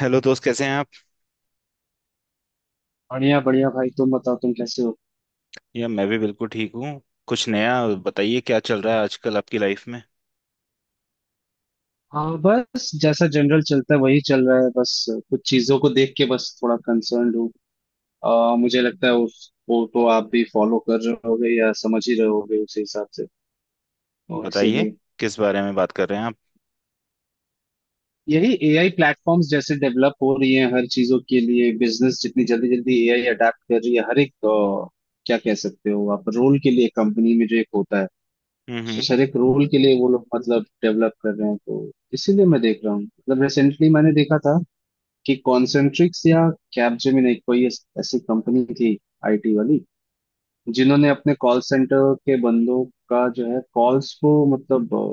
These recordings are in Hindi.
हेलो दोस्त, कैसे हैं आप। बढ़िया बढ़िया भाई, तुम बताओ तुम कैसे हो। या मैं भी बिल्कुल ठीक हूँ। कुछ नया बताइए, क्या चल रहा है आजकल आपकी लाइफ में। हाँ, बस जैसा जनरल चलता है वही चल रहा है बस। कुछ चीजों को देख के बस थोड़ा कंसर्न हूँ। मुझे लगता है उस वो तो आप भी फॉलो कर रहे होगे या समझ ही रहे होगे उसी हिसाब से, और बताइए, इसीलिए किस बारे में बात कर रहे हैं आप। यही एआई प्लेटफॉर्म्स जैसे डेवलप हो रही हैं हर चीजों के लिए। बिजनेस जितनी जल्दी जल्दी एआई अडेप्ट कर रही है हर एक, क्या कह सकते हो आप, रोल के लिए कंपनी में जो एक होता है हम्म। उस हर एक रोल के लिए, वो लोग मतलब डेवलप कर रहे हैं। तो इसीलिए मैं देख रहा हूँ, मतलब रिसेंटली मैंने देखा था कि कॉन्सेंट्रिक्स या कैपजेमिनी, कोई ऐसी कंपनी थी, आईटी वाली, जिन्होंने अपने कॉल सेंटर के बंदों का जो है कॉल्स को मतलब,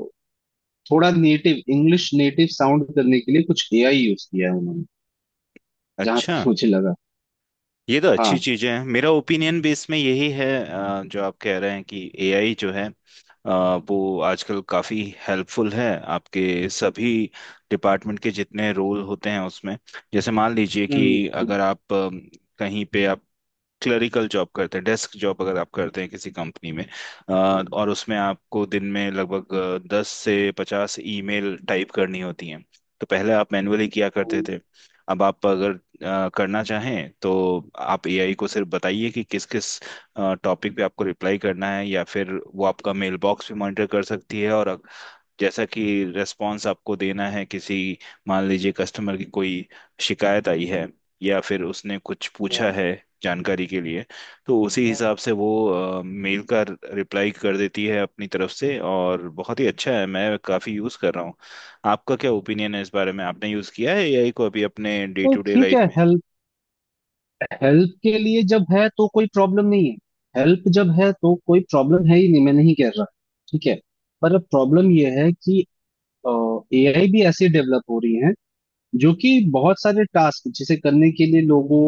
थोड़ा नेटिव इंग्लिश, नेटिव साउंड करने के लिए कुछ एआई यूज किया है उन्होंने, जहां तक अच्छा, मुझे लगा। ये तो अच्छी हाँ। चीज है। मेरा ओपिनियन बेस में यही है जो आप कह रहे हैं कि एआई जो है, वो आजकल काफी हेल्पफुल है आपके सभी डिपार्टमेंट के जितने रोल होते हैं उसमें। जैसे मान लीजिए कि हम्म अगर आप कहीं पे आप क्लरिकल जॉब करते हैं, डेस्क जॉब अगर आप करते हैं किसी कंपनी में, अ, हम्म, और उसमें आपको दिन में लगभग 10 से 50 ईमेल टाइप करनी होती हैं। तो पहले आप मैन्युअली किया करते हम्म, थे। अब आप अगर करना चाहें तो आप एआई को सिर्फ बताइए कि किस किस टॉपिक पे आपको रिप्लाई करना है, या फिर वो आपका मेल बॉक्स भी मॉनिटर कर सकती है। और जैसा कि रेस्पॉन्स आपको देना है, किसी, मान लीजिए कस्टमर की कोई शिकायत आई है या फिर उसने कुछ हाँ। पूछा है जानकारी के लिए, तो उसी हिसाब से वो मेल का रिप्लाई कर देती है अपनी तरफ से। और बहुत ही अच्छा है, मैं काफ़ी यूज़ कर रहा हूँ। आपका क्या ओपिनियन है इस बारे में, आपने यूज़ किया है एआई को अभी अपने डे तो टू डे ठीक लाइफ है, में। हेल्प हेल्प के लिए जब है तो कोई प्रॉब्लम नहीं है। हेल्प जब है तो कोई प्रॉब्लम है ही नहीं, मैं नहीं कह रहा। ठीक है। पर अब प्रॉब्लम यह है कि एआई भी ऐसे डेवलप हो रही हैं, जो कि बहुत सारे टास्क जिसे करने के लिए लोगों,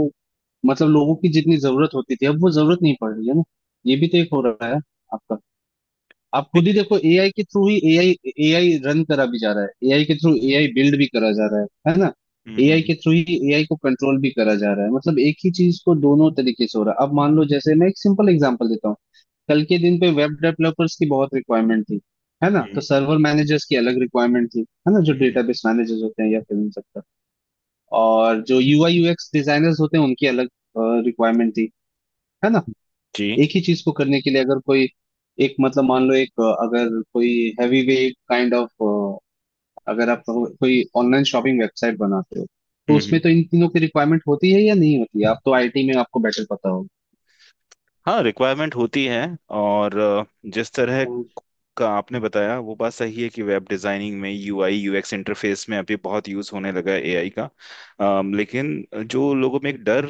मतलब लोगों की जितनी जरूरत होती थी, अब वो जरूरत नहीं पड़ रही है ना। ये भी तो एक हो रहा है आपका। आप खुद ठीक। ही देखो, एआई के थ्रू ही एआई, एआई रन करा भी जा रहा है, एआई के थ्रू एआई बिल्ड भी करा जा रहा है ना। एआई हम्म। के थ्रू ही एआई को कंट्रोल भी करा जा रहा है। मतलब एक ही चीज को दोनों तरीके से हो रहा है। अब मान लो, जैसे मैं एक सिंपल एग्जांपल देता हूँ। कल के दिन पे वेब डेवलपर्स की बहुत रिक्वायरमेंट थी, है ना, तो हम्म सर्वर मैनेजर्स की अलग रिक्वायरमेंट थी, है ना। जो हम्म। डेटाबेस मैनेजर्स होते हैं या फिल्म सकता, और जो यूआई यूएक्स डिजाइनर्स होते हैं उनकी अलग रिक्वायरमेंट थी, है ना। जी एक जी। ही चीज को करने के लिए, अगर कोई एक, मतलब मान लो एक, अगर कोई हैवी वेट काइंड ऑफ, अगर आप कहो, कोई ऑनलाइन शॉपिंग वेबसाइट बनाते हो, तो हम्म। उसमें तो इन तीनों की रिक्वायरमेंट होती है या नहीं होती है? आप तो आईटी में, आपको बेटर पता होगा। हाँ, रिक्वायरमेंट होती है। और जिस तरह का आपने बताया वो बात सही है कि वेब डिजाइनिंग में यूआई यूएक्स इंटरफेस में अभी बहुत यूज होने लगा है एआई का। लेकिन जो लोगों में एक डर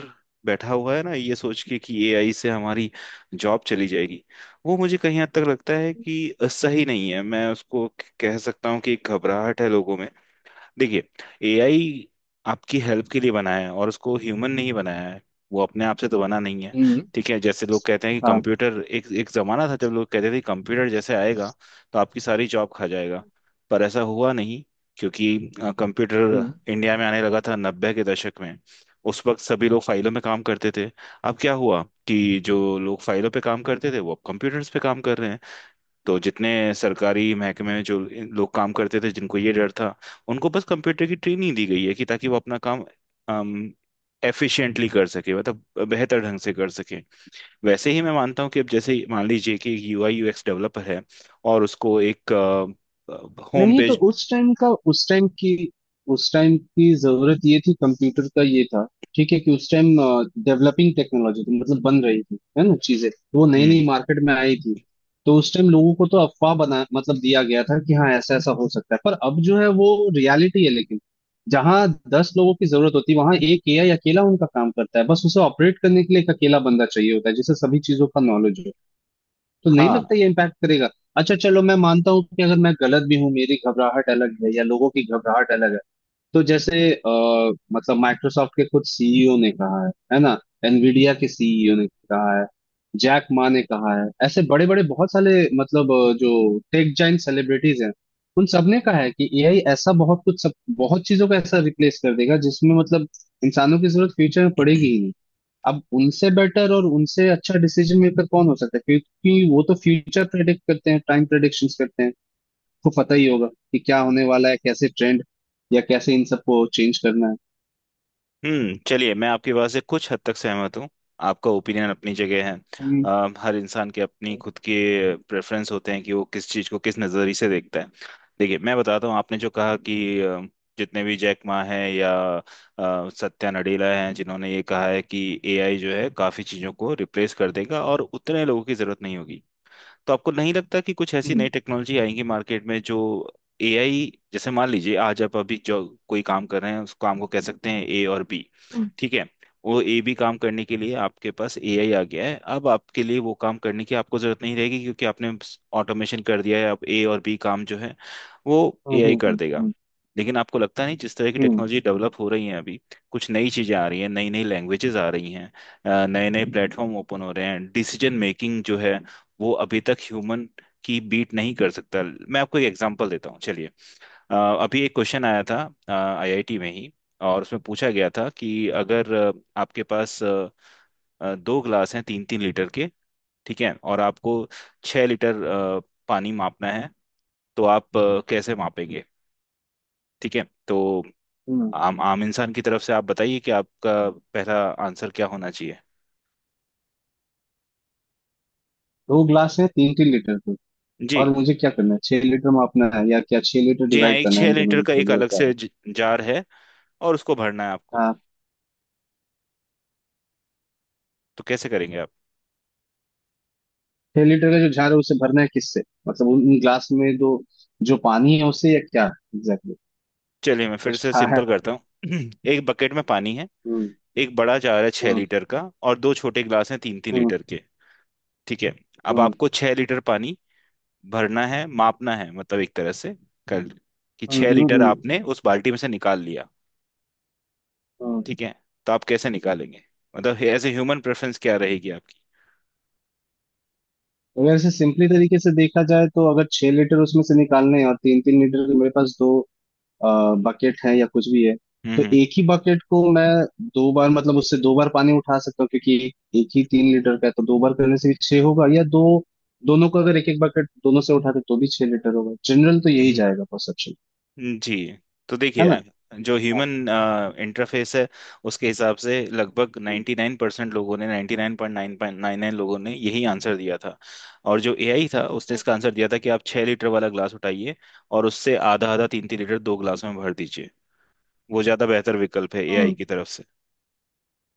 बैठा हुआ है ना, ये सोच के कि एआई से हमारी जॉब चली जाएगी, वो मुझे कहीं हद तक लगता है कि सही नहीं है। मैं उसको कह सकता हूँ कि एक घबराहट है लोगों में। देखिए, एआई आपकी हेल्प के लिए बनाया है, और उसको ह्यूमन नहीं बनाया है। वो अपने आप से तो बना नहीं है। हम्म। ठीक है, जैसे लोग कहते हैं कि कंप्यूटर, एक एक जमाना था जब लोग कहते थे कंप्यूटर जैसे आएगा तो आपकी सारी जॉब खा जाएगा। पर ऐसा हुआ नहीं। क्योंकि हाँ। कंप्यूटर इंडिया में आने लगा था 90 के दशक में। उस वक्त सभी लोग फाइलों में काम करते थे। अब क्या हुआ कि जो लोग फाइलों पे काम करते थे वो अब कंप्यूटर्स पे काम कर रहे हैं। तो जितने सरकारी महकमे में जो लोग काम करते थे जिनको ये डर था, उनको बस कंप्यूटर की ट्रेनिंग दी गई है कि ताकि वो अपना काम अम, एफिशिएंटली कर सके, मतलब बेहतर ढंग से कर सके। वैसे ही मैं मानता हूँ कि अब जैसे ही मान लीजिए कि यूआई यूएक्स डेवलपर है और उसको एक होम नहीं, तो पेज। उस टाइम की जरूरत ये थी, कंप्यूटर का ये था। ठीक है, कि उस टाइम डेवलपिंग टेक्नोलॉजी थी, मतलब बन रही थी, है ना चीजें, तो वो नई हम्म। नई मार्केट में आई थी। तो उस टाइम लोगों को तो अफवाह बना, मतलब दिया गया था कि हाँ ऐसा ऐसा हो सकता है, पर अब जो है वो रियलिटी है। लेकिन जहाँ 10 लोगों की जरूरत होती है, वहां एक एआई अकेला उनका काम करता है, बस उसे ऑपरेट करने के लिए एक अकेला बंदा चाहिए होता है, जिसे सभी चीजों का नॉलेज हो। तो नहीं हाँ। लगता ये इम्पैक्ट करेगा? अच्छा चलो, मैं मानता हूँ कि अगर मैं गलत भी हूँ, मेरी घबराहट अलग है या लोगों की घबराहट अलग है, तो जैसे, मतलब माइक्रोसॉफ्ट के खुद सीईओ ने कहा है ना, एनवीडिया के सीईओ ने कहा है, जैक मा ने कहा है। ऐसे बड़े बड़े बहुत सारे, मतलब जो टेक जाइंट सेलिब्रिटीज हैं, उन सबने कहा है कि एआई ऐसा बहुत कुछ सब, बहुत चीजों को ऐसा रिप्लेस कर देगा जिसमें, मतलब, इंसानों की जरूरत फ्यूचर में पड़ेगी ही। अब उनसे बेटर और उनसे अच्छा डिसीजन मेकर कौन हो सकता है, क्योंकि वो तो फ्यूचर प्रेडिक्ट करते हैं, टाइम प्रेडिक्शंस करते हैं, तो पता ही होगा कि क्या होने वाला है, कैसे ट्रेंड या कैसे इन सबको चेंज करना है। हम्म। चलिए, मैं आपकी बात से कुछ हद तक सहमत हूँ। आपका ओपिनियन अपनी जगह है। हम्म हर इंसान के अपनी खुद के प्रेफरेंस होते हैं कि वो किस चीज़ को किस नज़रिए से देखता है। देखिए, मैं बताता हूँ। आपने जो कहा कि जितने भी जैक मा हैं या सत्या नडेला हैं, जिन्होंने ये कहा है कि एआई जो है काफ़ी चीज़ों को रिप्लेस कर देगा और उतने लोगों की ज़रूरत नहीं होगी। तो आपको नहीं लगता कि कुछ ऐसी नई हम्म टेक्नोलॉजी आएंगी मार्केट में जो एआई, जैसे मान लीजिए आज आप अभी जो कोई काम कर रहे हैं उस काम को कह सकते हैं ए और बी। ठीक है। वो ए बी काम करने के लिए आपके पास एआई आ गया है, अब आपके लिए वो काम करने की आपको जरूरत नहीं रहेगी, क्योंकि आपने ऑटोमेशन कर दिया है। अब ए और बी काम जो है वो हम्म, एआई कर देगा। लेकिन आपको लगता नहीं, जिस तरह की हम्म, टेक्नोलॉजी डेवलप हो रही है अभी, कुछ नई चीजें आ रही हैं, नई नई लैंग्वेजेस आ रही हैं, नए नए प्लेटफॉर्म ओपन हो रहे हैं। डिसीजन मेकिंग जो है, वो अभी तक ह्यूमन की बीट नहीं कर सकता। मैं आपको एक एग्जांपल देता हूँ, चलिए। अ, अभी एक क्वेश्चन आया था आईआईटी में ही, और उसमें पूछा गया था कि अगर आपके पास दो ग्लास हैं 3 3 लीटर के, ठीक है, और आपको 6 लीटर पानी मापना है, तो आप कैसे मापेंगे। ठीक है। तो हम्म। आम आम इंसान की तरफ से आप बताइए कि आपका पहला आंसर क्या होना चाहिए। दो ग्लास है तीन तीन लीटर के, जी। और मुझे क्या करना है, छह लीटर मापना है या क्या, 6 लीटर जी हाँ, डिवाइड एक करना है छः इन दोनों लीटर का इक्वल, एक या अलग क्या से है? जार है, और उसको भरना है आपको। हाँ। तो कैसे करेंगे आप। छह लीटर का जो झार है उसे भरना है किससे? मतलब उन उन ग्लास में दो, जो पानी है उसे, या क्या? एग्जैक्टली। चलिए, मैं फिर कुछ से खा सिंपल है? करता हूँ। एक बकेट में पानी है, हम्म एक बड़ा जार है छह हम्म लीटर का, और दो छोटे गिलास हैं तीन तीन हम्म। लीटर के। ठीक है। अब हम्म आपको 6 लीटर पानी भरना है, मापना है, मतलब एक तरह से कर, कि हम्म छह हम्म, लीटर हम्म, आपने उस बाल्टी में से निकाल लिया। हम्म। ठीक है, तो आप कैसे निकालेंगे। मतलब एज ए ह्यूमन प्रेफरेंस क्या रहेगी आपकी। अगर इसे सिंपली तरीके से देखा जाए, तो अगर 6 लीटर उसमें से निकालने हैं और तीन तीन लीटर के मेरे पास दो बकेट है या कुछ भी है, तो हम्म एक ही बकेट को मैं दो बार, मतलब उससे दो बार पानी उठा सकता हूँ, क्योंकि एक ही 3 लीटर का है। तो दो बार करने से भी छह होगा, या दो, दोनों को अगर एक एक बकेट दोनों से उठाते तो भी 6 लीटर होगा। जनरल तो यही हम्म। जाएगा परसेप्शन, जी। तो है देखिए, ना। जो हाँ, ह्यूमन इंटरफेस है, उसके हिसाब से लगभग हम्म, 99% परसेंट लोगों ने, 99.999 लोगों ने यही आंसर दिया था। और जो एआई था, उसने इसका आंसर दिया था कि आप 6 लीटर वाला ग्लास उठाइए और उससे आधा आधा 3 3 लीटर दो ग्लास में भर दीजिए। वो ज़्यादा बेहतर विकल्प है एआई हम्म। की तरफ से।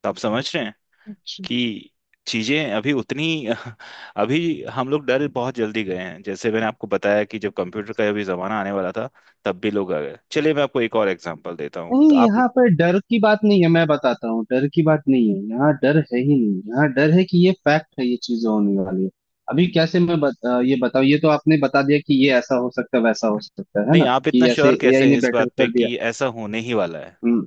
तो आप समझ रहे अच्छा। कि चीजें अभी उतनी अभी हम लोग डर बहुत जल्दी गए हैं। जैसे मैंने आपको बताया कि जब कंप्यूटर का अभी जमाना आने वाला था तब भी लोग आ गए। चलिए, मैं आपको एक और एग्जांपल देता हूँ नहीं, तो आप। यहाँ पे डर की बात नहीं है, मैं बताता हूँ। डर की बात नहीं है, यहाँ डर है ही नहीं। यहाँ डर है कि ये फैक्ट है, ये चीजें होने वाली है। अभी कैसे मैं ये बताऊँ? ये तो आपने बता दिया कि ये ऐसा हो सकता है, वैसा हो सकता है नहीं, ना, आप इतना कि ऐसे श्योर एआई कैसे ने हैं इस बेटर बात पे कर दिया। कि ऐसा होने ही वाला है। हम्म।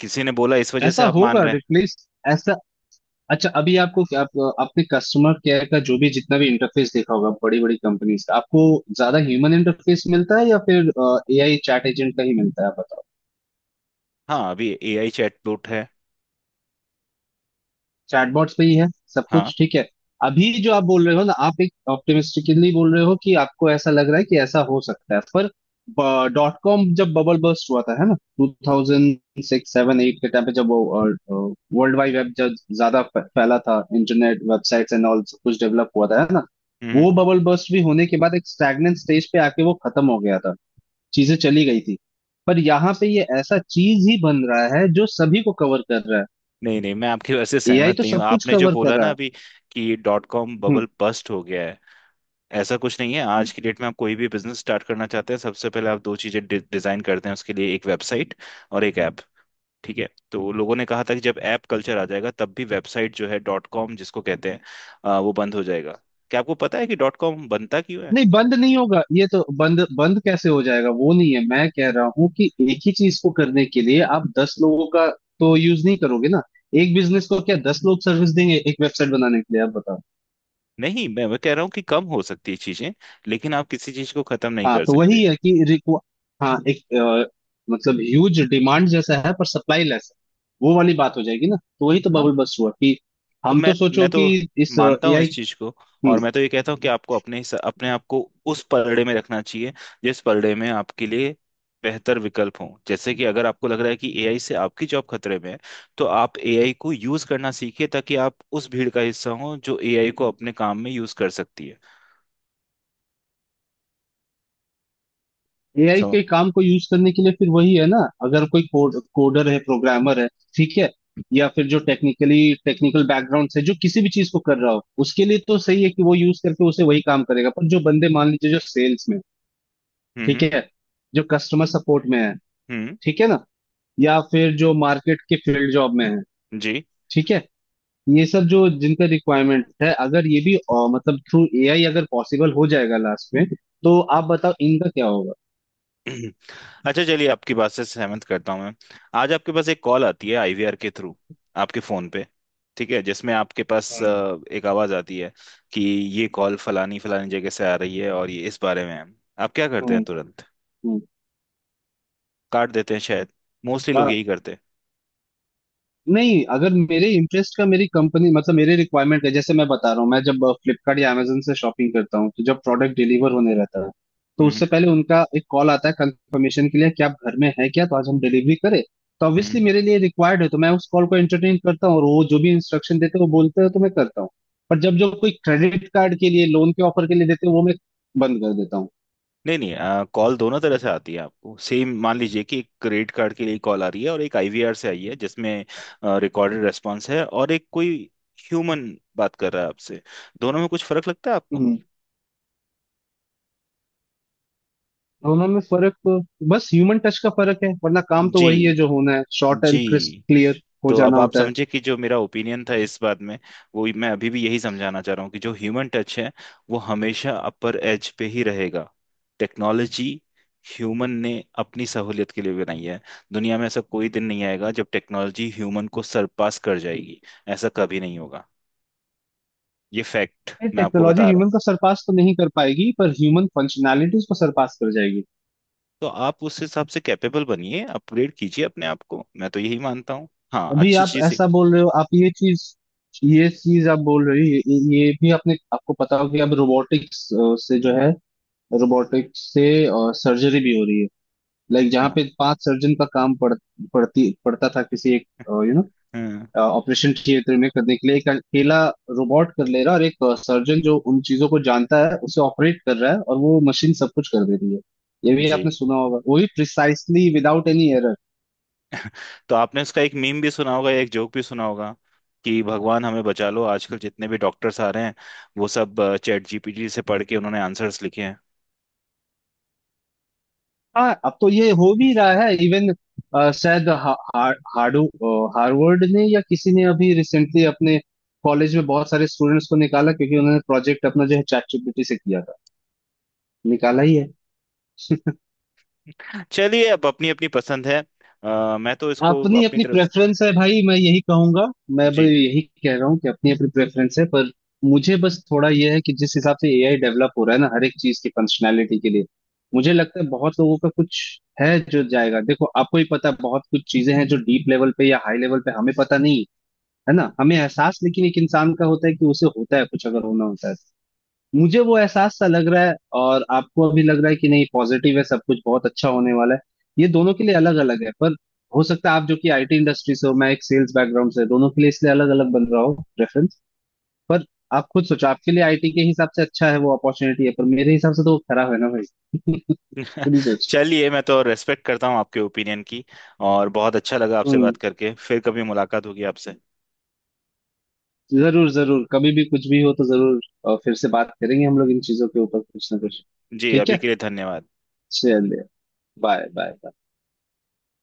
किसी ने बोला इस वजह से ऐसा आप मान होगा रहे हैं। रिप्लेस, ऐसा। अच्छा, अभी आपको आपने कस्टमर केयर का जो भी जितना भी इंटरफेस देखा होगा बड़ी बड़ी कंपनीज का, आपको ज्यादा ह्यूमन इंटरफेस मिलता है या फिर एआई चैट एजेंट का ही मिलता है, आप बताओ। हाँ, अभी एआई चैटबॉट है। चैटबॉट्स पे ही है सब हाँ। कुछ, ठीक है। अभी जो आप बोल रहे हो ना, आप एक ऑप्टिमिस्टिकली बोल रहे हो कि आपको ऐसा लग रहा है कि ऐसा हो सकता है, पर डॉट कॉम जब बबल बर्स्ट हुआ था, है ना, 2006-07-08 के टाइम पे, जब वो वर्ल्ड वाइड वेब जब ज्यादा फैला था, इंटरनेट वेबसाइट्स एंड ऑल सब कुछ डेवलप हुआ था, है ना, हम्म हम्म। वो बबल बर्स्ट भी होने के बाद एक स्टैग्नेंट स्टेज पे आके वो खत्म हो गया था। चीजें चली गई थी। पर यहाँ पे ये ऐसा चीज ही बन रहा है जो सभी को कवर कर रहा है। नहीं नहीं, मैं आपकी वजह से एआई तो सहमत नहीं हूँ। सब कुछ आपने जो कवर कर बोला रहा ना है। अभी कि डॉट कॉम बबल हम्म। बस्ट हो गया है, ऐसा कुछ नहीं है। आज की डेट में आप कोई भी बिजनेस स्टार्ट करना चाहते हैं, सबसे पहले आप दो चीजें डि डिजाइन करते हैं उसके लिए, एक वेबसाइट और एक ऐप। ठीक है। तो लोगों ने कहा था कि जब ऐप कल्चर आ जाएगा तब भी वेबसाइट जो है डॉट कॉम जिसको कहते हैं, वो बंद हो जाएगा। क्या आपको पता है कि डॉट कॉम बनता क्यों है। नहीं, बंद नहीं होगा ये तो, बंद बंद कैसे हो जाएगा? वो नहीं है। मैं कह रहा हूँ कि एक ही चीज को करने के लिए आप 10 लोगों का तो यूज नहीं करोगे ना। एक बिजनेस को क्या 10 लोग सर्विस देंगे एक वेबसाइट बनाने के लिए, आप बताओ। नहीं, मैं कह रहा हूँ कि कम हो सकती है चीजें, लेकिन आप किसी चीज को खत्म नहीं हाँ, कर तो सकते। वही है कि रिक्वा, हाँ एक, मतलब ह्यूज डिमांड जैसा है पर सप्लाई लेस है। वो वाली बात हो जाएगी ना, तो वही तो बबल बस हुआ कि तो हम मैं तो मैं सोचो, तो कि इस मानता हूँ इस एआई। चीज को, और मैं तो ये कहता हूँ कि आपको अपने आप को उस पलड़े में रखना चाहिए जिस पलड़े में आपके लिए बेहतर विकल्प हो। जैसे कि अगर आपको लग रहा है कि एआई से आपकी जॉब खतरे में है, तो आप एआई को यूज करना सीखिए ताकि आप उस भीड़ का हिस्सा हो जो एआई को अपने काम में यूज कर सकती है। एआई के सम- काम को यूज करने के लिए फिर वही है ना, अगर कोई कोडर है, प्रोग्रामर है, ठीक है, या फिर जो टेक्निकल बैकग्राउंड से जो किसी भी चीज को कर रहा हो, उसके लिए तो सही है कि वो यूज करके उसे वही काम करेगा। पर जो बंदे, मान लीजिए जो सेल्स में, ठीक हम्म। है, जो कस्टमर सपोर्ट में है, हम्म, ठीक है ना, या फिर जो मार्केट के फील्ड जॉब में है, जी। ठीक है, ये सब जो जिनका रिक्वायरमेंट है, अगर ये भी, मतलब थ्रू एआई अगर पॉसिबल हो जाएगा लास्ट में, तो आप बताओ इनका क्या होगा? अच्छा चलिए, आपकी बात से सहमत करता हूँ मैं। आज आपके पास एक कॉल आती है आईवीआर के थ्रू, आपके फोन पे। ठीक है, जिसमें आपके पास हम्म एक आवाज आती है कि ये कॉल फलानी फलानी जगह से आ रही है और ये इस बारे में है। आप क्या करते हम्म हैं तुरंत। हम्म, काट देते हैं शायद। मोस्टली लोग हाँ। यही करते हैं। नहीं, अगर मेरे इंटरेस्ट का, मेरी कंपनी मतलब मेरे रिक्वायरमेंट का, जैसे मैं बता रहा हूँ, मैं जब फ्लिपकार्ट या Amazon से शॉपिंग करता हूँ, तो जब प्रोडक्ट डिलीवर होने रहता है, तो हम्म उससे पहले उनका एक कॉल आता है कंफर्मेशन के लिए कि आप घर में है क्या, तो आज हम डिलीवरी करें। तो हम्म। ऑब्वियसली हम्म। मेरे लिए रिक्वायर्ड है, तो मैं उस कॉल को एंटरटेन करता हूँ, और वो जो भी इंस्ट्रक्शन देते हैं वो बोलते हैं तो मैं करता हूँ। पर जब जो कोई क्रेडिट कार्ड के लिए, लोन के ऑफर के लिए देते हैं, वो मैं बंद कर देता हूँ। नहीं नहीं, कॉल दोनों तरह से आती है आपको। सेम मान लीजिए कि एक क्रेडिट कार्ड के लिए कॉल आ रही है, और एक आईवीआर से आई है जिसमें रिकॉर्डेड रेस्पॉन्स है, और एक कोई ह्यूमन बात कर रहा है आपसे। दोनों में कुछ फर्क लगता है आपको। हम्म। दोनों में फर्क बस ह्यूमन टच का फर्क है, वरना काम तो जी। वही है जो होना है, शॉर्ट एंड क्रिस्प जी। क्लियर हो तो अब जाना आप होता है। समझे कि जो मेरा ओपिनियन था इस बात में, वो मैं अभी भी यही समझाना चाह रहा हूँ कि जो ह्यूमन टच है वो हमेशा अपर एज पे ही रहेगा। टेक्नोलॉजी ह्यूमन ने अपनी सहूलियत के लिए बनाई है। दुनिया में ऐसा कोई दिन नहीं आएगा जब टेक्नोलॉजी ह्यूमन को सरपास कर जाएगी। ऐसा कभी नहीं होगा। ये फैक्ट मैं आपको टेक्नोलॉजी बता रहा हूँ। ह्यूमन को सरपास तो नहीं कर पाएगी, पर ह्यूमन फंक्शनैलिटीज को सरपास कर जाएगी। तो आप उस हिसाब से कैपेबल बनिए, अपग्रेड कीजिए अपने आप को। मैं तो यही मानता हूँ, हाँ, अभी अच्छी आप चीज है। ऐसा बोल रहे हो, आप ये चीज आप बोल रहे हो, ये भी। आपने, आपको पता हो कि अब रोबोटिक्स से जो है, रोबोटिक्स से सर्जरी भी हो रही है। लाइक जहाँ हाँ पे 5 सर्जन का काम पड़ता था किसी एक, यू नो, हाँ, ऑपरेशन थिएटर में करने के लिए, एक अकेला रोबोट कर ले रहा है, और एक सर्जन जो उन चीजों को जानता है उसे ऑपरेट कर रहा है, और वो मशीन सब कुछ कर दे रही है। ये भी आपने जी। सुना होगा, वो भी प्रिसाइसली विदाउट एनी एरर। तो आपने उसका एक मीम भी सुना होगा, एक जोक भी सुना होगा कि भगवान हमें बचा लो, आजकल जितने भी डॉक्टर्स आ रहे हैं वो सब चैट जीपीटी से पढ़ के उन्होंने आंसर्स लिखे हैं। हाँ, अब तो ये हो भी रहा है इवन, शायद हा, हा, हाडू हार्वर्ड ने या किसी ने अभी रिसेंटली अपने कॉलेज में बहुत सारे स्टूडेंट्स को निकाला क्योंकि उन्होंने प्रोजेक्ट अपना जो है चैट जीपीटी से किया था। निकाला ही है। चलिए, अब अपनी अपनी पसंद है। मैं तो इसको अपनी अपनी अपनी तरफ से। प्रेफरेंस है भाई, मैं यही कहूंगा। मैं भी जी, यही कह रहा हूँ कि अपनी अपनी प्रेफरेंस है, पर मुझे बस थोड़ा यह है कि जिस हिसाब से एआई डेवलप हो रहा है ना हर एक चीज की फंक्शनैलिटी के लिए, मुझे लगता है बहुत लोगों का कुछ है जो जाएगा। देखो, आपको ही पता है, बहुत कुछ चीजें हैं जो डीप लेवल पे या हाई लेवल पे हमें पता नहीं, है ना, हमें एहसास, लेकिन एक इंसान का होता है कि उसे होता है कुछ अगर होना होता है तो। मुझे वो एहसास सा लग रहा है, और आपको अभी लग रहा है कि नहीं, पॉजिटिव है सब कुछ, बहुत अच्छा होने वाला है। ये दोनों के लिए अलग अलग है, पर हो सकता है आप जो कि आईटी इंडस्ट्री से हो, मैं एक सेल्स बैकग्राउंड से, दोनों के लिए इसलिए अलग अलग बन रहा हो रेफरेंस, पर आप खुद सोचो, आपके लिए आईटी के हिसाब से अच्छा है, वो अपॉर्चुनिटी है, पर मेरे हिसाब से तो वो खराब है ना भाई। खुद ही सोचो। चलिए, मैं तो रेस्पेक्ट करता हूँ आपके ओपिनियन की। और बहुत अच्छा लगा आपसे हम्म। बात करके, फिर कभी मुलाकात होगी आपसे। जरूर जरूर, कभी भी कुछ भी हो तो जरूर, फिर से बात करेंगे हम लोग इन चीजों के ऊपर कुछ ना कुछ। जी, ठीक अभी है, के लिए धन्यवाद। चलिए। Bye bye.